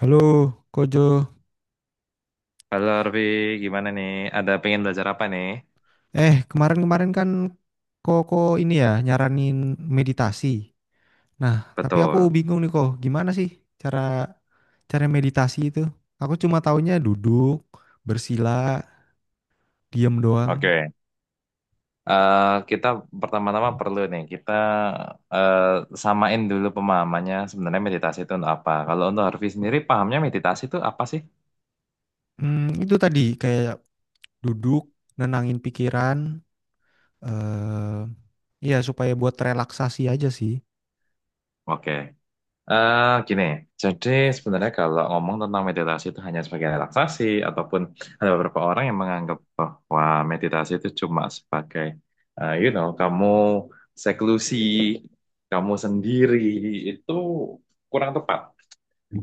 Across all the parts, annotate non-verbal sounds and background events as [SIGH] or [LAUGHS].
Halo, Kojo. Halo Arvi, gimana nih? Ada pengen belajar apa nih? Kemarin-kemarin kan Koko ini ya nyaranin meditasi. Nah, tapi aku Betul. bingung nih kok, gimana sih cara cara meditasi itu? Aku cuma taunya duduk, bersila, diam doang. Oke, Eh, kita pertama-tama perlu nih kita eh, samain dulu pemahamannya sebenarnya meditasi itu untuk apa. Kalau untuk Harvey sendiri pahamnya meditasi itu apa sih? Itu tadi kayak duduk, nenangin pikiran, eh iya supaya buat relaksasi aja sih. Oke. Gini, jadi sebenarnya kalau ngomong tentang meditasi itu hanya sebagai relaksasi, ataupun ada beberapa orang yang menganggap bahwa meditasi itu cuma sebagai, kamu seklusi, kamu sendiri, itu kurang tepat.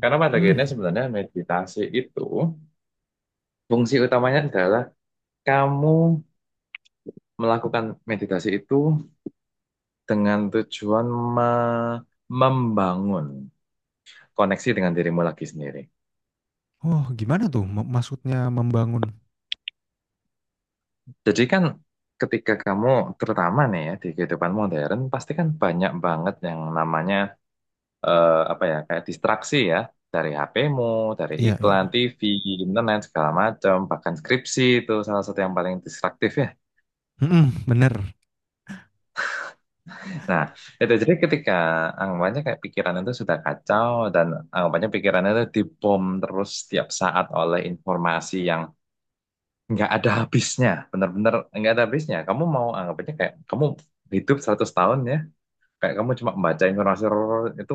Karena pada Hmm, akhirnya sebenarnya meditasi itu, fungsi utamanya adalah kamu melakukan meditasi itu dengan tujuan me- membangun koneksi dengan dirimu lagi sendiri. oh gimana tuh maksudnya membangun? Jadi kan ketika kamu terutama nih ya di kehidupan modern pasti kan banyak banget yang namanya apa ya kayak distraksi ya dari HP-mu, dari Iya, iklan, iya. TV, internet segala macam, bahkan skripsi itu salah satu yang paling distraktif ya. Mm-mm, bener. Nah, itu jadi ketika anggapannya kayak pikiran itu sudah kacau dan anggapannya pikirannya itu dibom terus setiap saat oleh informasi yang nggak ada habisnya, bener-bener nggak ada habisnya. Kamu mau anggapannya kayak kamu hidup 100 tahun ya, kayak kamu cuma membaca informasi itu,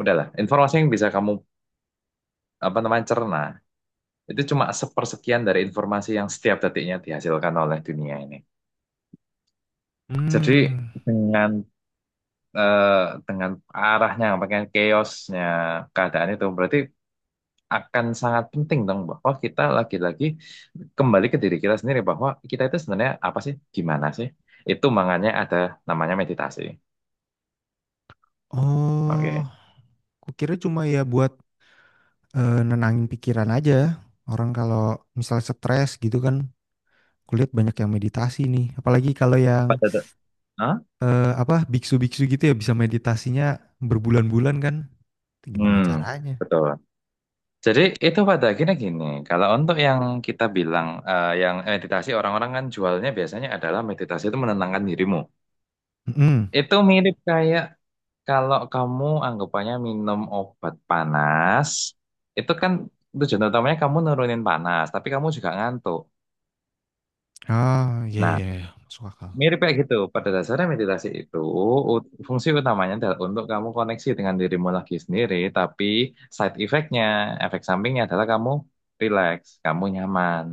udahlah informasi yang bisa kamu apa namanya cerna itu cuma sepersekian dari informasi yang setiap detiknya dihasilkan oleh dunia ini. Jadi Hmm. dengan eh, dengan arahnya pengen chaosnya keadaan itu, berarti akan sangat penting dong bahwa kita lagi-lagi kembali ke diri kita sendiri, bahwa kita itu sebenarnya apa sih, gimana sih. Itu makanya ada namanya meditasi. Oh. Oke. Kukira cuma ya buat nenangin pikiran aja. Orang kalau misalnya stres gitu kan, kulihat banyak yang meditasi nih. Apalagi kalau yang pada de- Hah? Apa biksu-biksu gitu ya bisa meditasinya berbulan-bulan kan? Itu gimana Hmm, caranya? betul. Jadi itu pada akhirnya gini, kalau untuk yang kita bilang yang meditasi orang-orang kan jualnya biasanya adalah meditasi itu menenangkan dirimu. Mm-mm. Itu mirip kayak kalau kamu anggapannya minum obat panas, itu kan tujuan utamanya kamu nurunin panas, tapi kamu juga ngantuk. Ah, iya Nah, iya iya, masuk akal. mirip kayak gitu. Pada dasarnya meditasi itu fungsi utamanya adalah untuk kamu koneksi dengan dirimu lagi sendiri, tapi side effect-nya, efek sampingnya adalah kamu relax, kamu nyaman.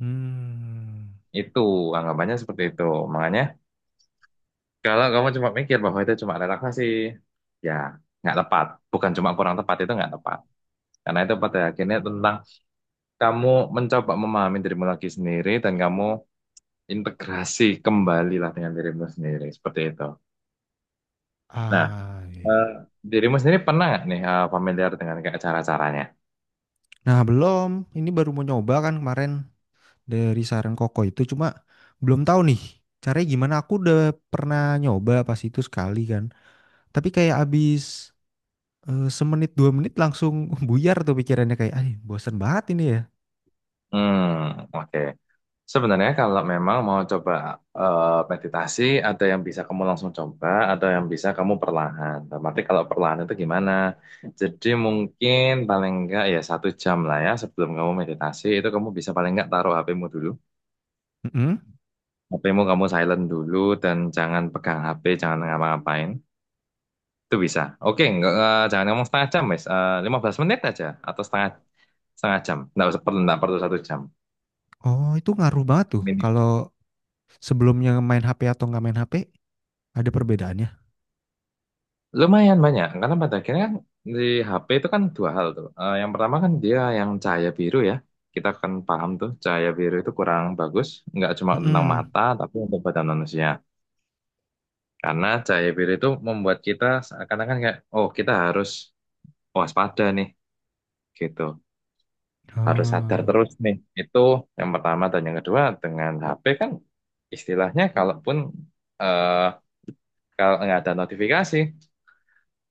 Hmm. Itu anggapannya seperti itu. Makanya kalau kamu cuma mikir bahwa itu cuma relaksasi, ya nggak tepat. Bukan cuma kurang tepat, itu nggak tepat. Karena itu pada akhirnya tentang kamu mencoba memahami dirimu lagi sendiri dan kamu integrasi kembali lah dengan dirimu sendiri. Seperti itu. Nah, Ah, iya, eh, iya. dirimu sendiri pernah nggak nih familiar dengan kayak cara-caranya? Nah, belum. Ini baru mau nyoba kan kemarin dari saran Koko itu cuma belum tahu nih caranya gimana. Aku udah pernah nyoba pas itu sekali kan. Tapi kayak abis semenit dua menit langsung [LAUGHS] buyar tuh pikirannya kayak, ah bosen banget ini ya. Hmm, oke. Sebenarnya kalau memang mau coba eh, meditasi, ada yang bisa kamu langsung coba, ada yang bisa kamu perlahan. Tapi kalau perlahan itu gimana? Jadi mungkin paling enggak ya satu jam lah ya sebelum kamu meditasi itu kamu bisa paling enggak taruh HP-mu dulu. Mm-mm. HP-mu kamu silent dulu dan jangan pegang HP, jangan ngapa-ngapain. Itu bisa. Oke, enggak, jangan ngomong setengah jam, Mas. 15 menit aja atau setengah setengah jam. Enggak usah perlu, enggak perlu satu jam. Oh itu ngaruh banget tuh. Kalau sebelumnya main HP atau nggak main HP ada perbedaannya. Lumayan banyak, karena pada akhirnya kan di HP itu kan dua hal tuh. Yang pertama kan dia yang cahaya biru ya. Kita kan paham tuh cahaya biru itu kurang bagus, nggak cuma tentang Mm-mm. mata, tapi untuk badan manusia. Karena cahaya biru itu membuat kita seakan-akan kayak, oh kita harus waspada nih, gitu. Harus sadar Oh terus nih. Itu yang pertama. Dan yang kedua, dengan HP kan istilahnya kalaupun eh kalau nggak ada notifikasi,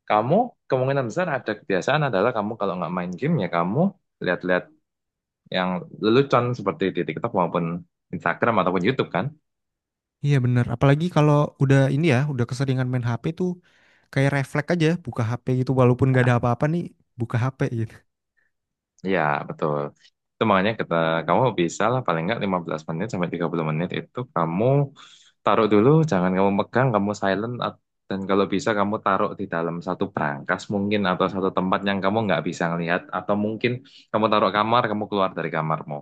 kamu kemungkinan besar ada kebiasaan adalah kamu kalau nggak main game ya kamu lihat-lihat yang lelucon seperti di TikTok maupun Instagram ataupun YouTube kan? iya bener. Apalagi kalau udah ini ya, udah keseringan main HP tuh kayak refleks aja buka HP gitu walaupun nggak Nah, ada apa-apa nih buka HP gitu. ya, betul. Itu makanya kita, kamu bisa lah paling nggak 15 menit sampai 30 menit itu kamu taruh dulu, jangan kamu pegang, kamu silent, dan kalau bisa kamu taruh di dalam satu brankas mungkin atau satu tempat yang kamu nggak bisa ngelihat, atau mungkin kamu taruh kamar, kamu keluar dari kamarmu.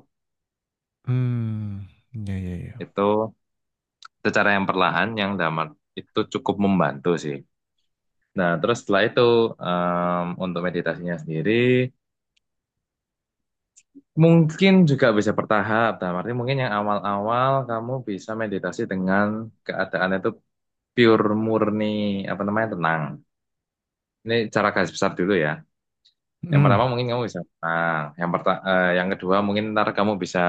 Hmm, ya ya ya. Itu secara yang perlahan yang damai itu cukup membantu sih. Nah, terus setelah itu untuk meditasinya sendiri mungkin juga bisa bertahap. Dalam arti mungkin yang awal-awal kamu bisa meditasi dengan keadaan itu pure, murni, apa namanya, tenang. Ini cara garis besar dulu ya. Yang pertama Hmm. mungkin kamu bisa tenang. Yang kedua mungkin ntar kamu bisa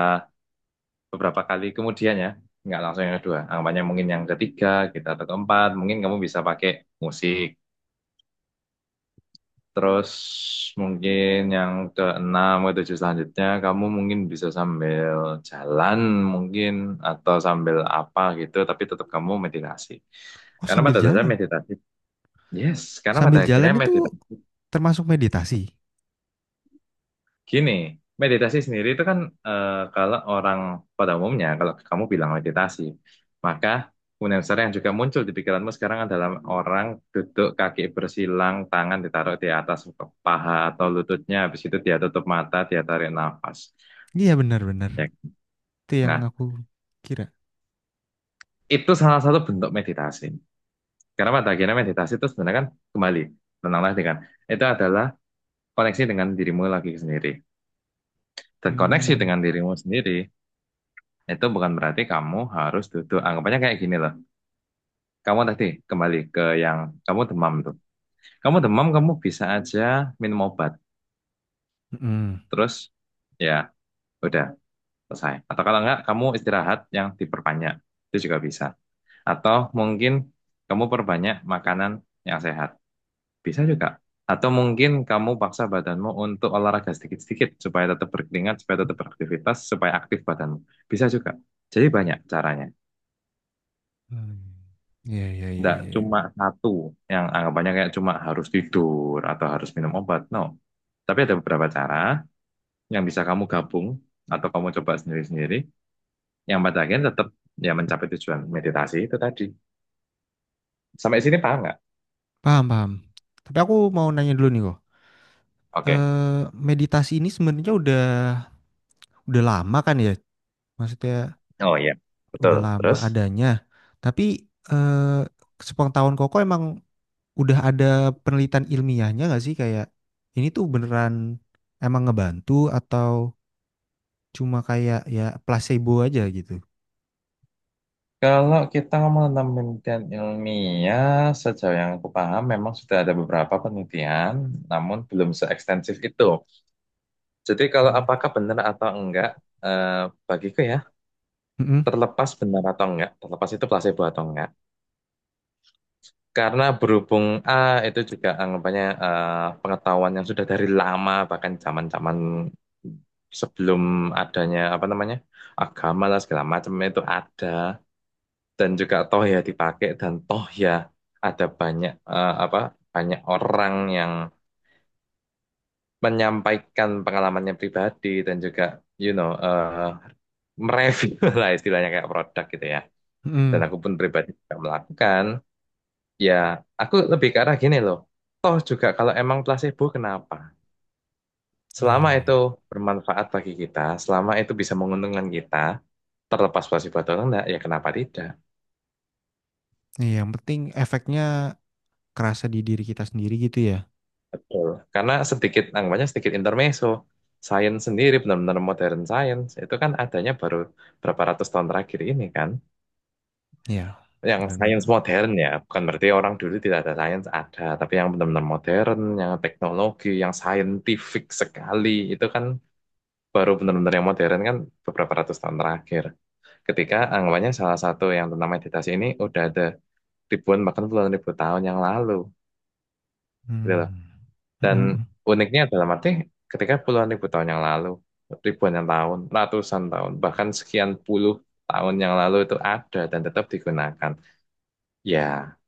beberapa kali kemudian ya. Nggak langsung yang kedua. Anggapannya mungkin yang ketiga, kita atau keempat, mungkin kamu bisa pakai musik. Terus mungkin yang keenam ke tujuh selanjutnya kamu mungkin bisa sambil jalan, mungkin, atau sambil apa gitu, tapi tetap kamu meditasi. Oh Karena pada dasarnya meditasi, yes, karena pada sambil akhirnya jalan itu meditasi. termasuk meditasi. Gini, meditasi sendiri itu kan kalau orang pada umumnya, kalau kamu bilang meditasi, maka kemudian besar yang juga muncul di pikiranmu sekarang adalah orang duduk kaki bersilang, tangan ditaruh di atas paha atau lututnya, habis itu dia tutup mata, dia tarik nafas. Iya benar-benar. Ya. Itu yang Nah, aku kira. itu salah satu bentuk meditasi. Karena pada akhirnya meditasi itu sebenarnya kan kembali, tenanglah dengan, itu adalah koneksi dengan dirimu lagi sendiri. Dan koneksi Hmm. dengan dirimu sendiri itu bukan berarti kamu harus duduk. Anggapannya kayak gini loh. Kamu tadi kembali ke yang kamu demam tuh. Kamu demam, kamu bisa aja minum obat. Mm-mm. Terus ya udah, selesai. Atau kalau enggak, kamu istirahat yang diperbanyak. Itu juga bisa. Atau mungkin kamu perbanyak makanan yang sehat. Bisa juga. Atau mungkin kamu paksa badanmu untuk olahraga sedikit-sedikit supaya tetap berkeringat, supaya tetap beraktivitas, supaya aktif badanmu. Bisa juga. Jadi banyak caranya. Hmm. Iya, iya, iya, Enggak, iya. cuma satu yang anggapannya kayak cuma harus tidur atau harus minum obat. No. Tapi ada beberapa cara yang bisa kamu gabung atau kamu coba sendiri-sendiri yang pada akhirnya tetap ya mencapai tujuan meditasi itu tadi. Sampai sini paham nggak? Paham, paham. Tapi aku mau nanya dulu nih kok. Oke. Eh, meditasi ini sebenarnya udah lama kan ya? Maksudnya Oh iya. Betul. udah lama Terus? adanya. Tapi eh, sepengetahuan Koko emang udah ada penelitian ilmiahnya nggak sih kayak ini tuh beneran emang ngebantu atau cuma kayak ya placebo aja gitu? Kalau kita ngomong tentang penelitian ilmiah, sejauh yang aku paham memang sudah ada beberapa penelitian, namun belum seekstensif itu. Jadi kalau Hmm. apakah benar atau enggak, eh, bagiku ya Mm-mm. terlepas benar atau enggak, terlepas itu placebo atau enggak. Karena berhubung A itu juga anggapannya pengetahuan yang sudah dari lama, bahkan zaman-zaman sebelum adanya apa namanya agama lah segala macam itu ada, dan juga toh ya dipakai, dan toh ya ada banyak eh, apa banyak orang yang menyampaikan pengalamannya pribadi, dan juga you know eh, mereview [LAUGHS] lah istilahnya kayak produk gitu ya. Dan Mm-mm. aku pun pribadi juga melakukan. Ya, aku lebih ke arah gini loh. Toh juga kalau emang placebo kenapa? Iya, Selama itu iya. bermanfaat bagi kita, selama itu bisa menguntungkan kita, terlepas placebo atau enggak, ya kenapa tidak? Iya, yang penting efeknya kerasa di diri kita sendiri gitu ya. Betul. Karena sedikit, anggapannya sedikit intermezzo. Sains sendiri, benar-benar modern science, itu kan adanya baru berapa ratus tahun terakhir ini kan. Iya, Yang sains benar-benar. modern ya, bukan berarti orang dulu tidak ada sains, ada. Tapi yang benar-benar modern, yang teknologi, yang scientific sekali, itu kan baru benar-benar yang modern kan beberapa ratus tahun terakhir. Ketika anggapannya salah satu yang tentang meditasi ini udah ada ribuan bahkan puluhan ribu tahun yang lalu, gitu loh. Hmm. Dan Mhm. uniknya dalam arti ketika puluhan ribu tahun yang lalu, ribuan yang tahun, ratusan tahun, bahkan sekian puluh tahun yang lalu itu ada dan tetap digunakan. Ya,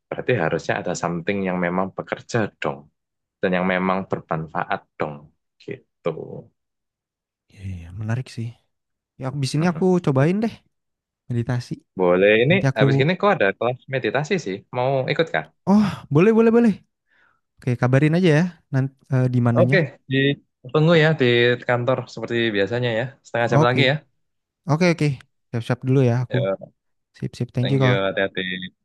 berarti harusnya ada something yang memang bekerja dong, dan yang memang bermanfaat dong, gitu. Iya, iya, menarik sih. Ya, abis ini aku cobain deh meditasi. Boleh, ini Nanti aku, habis gini kok ada kelas meditasi sih. Mau ikut kah? oh, boleh, boleh, boleh. Oke, kabarin aja ya, nanti di mananya. Oke, di tunggu ya di kantor seperti biasanya ya. Setengah jam Oke, lagi ya. oke, oke. Siap-siap dulu ya aku. Ya, Sip, sip. Thank you, thank you, Kak. hati-hati.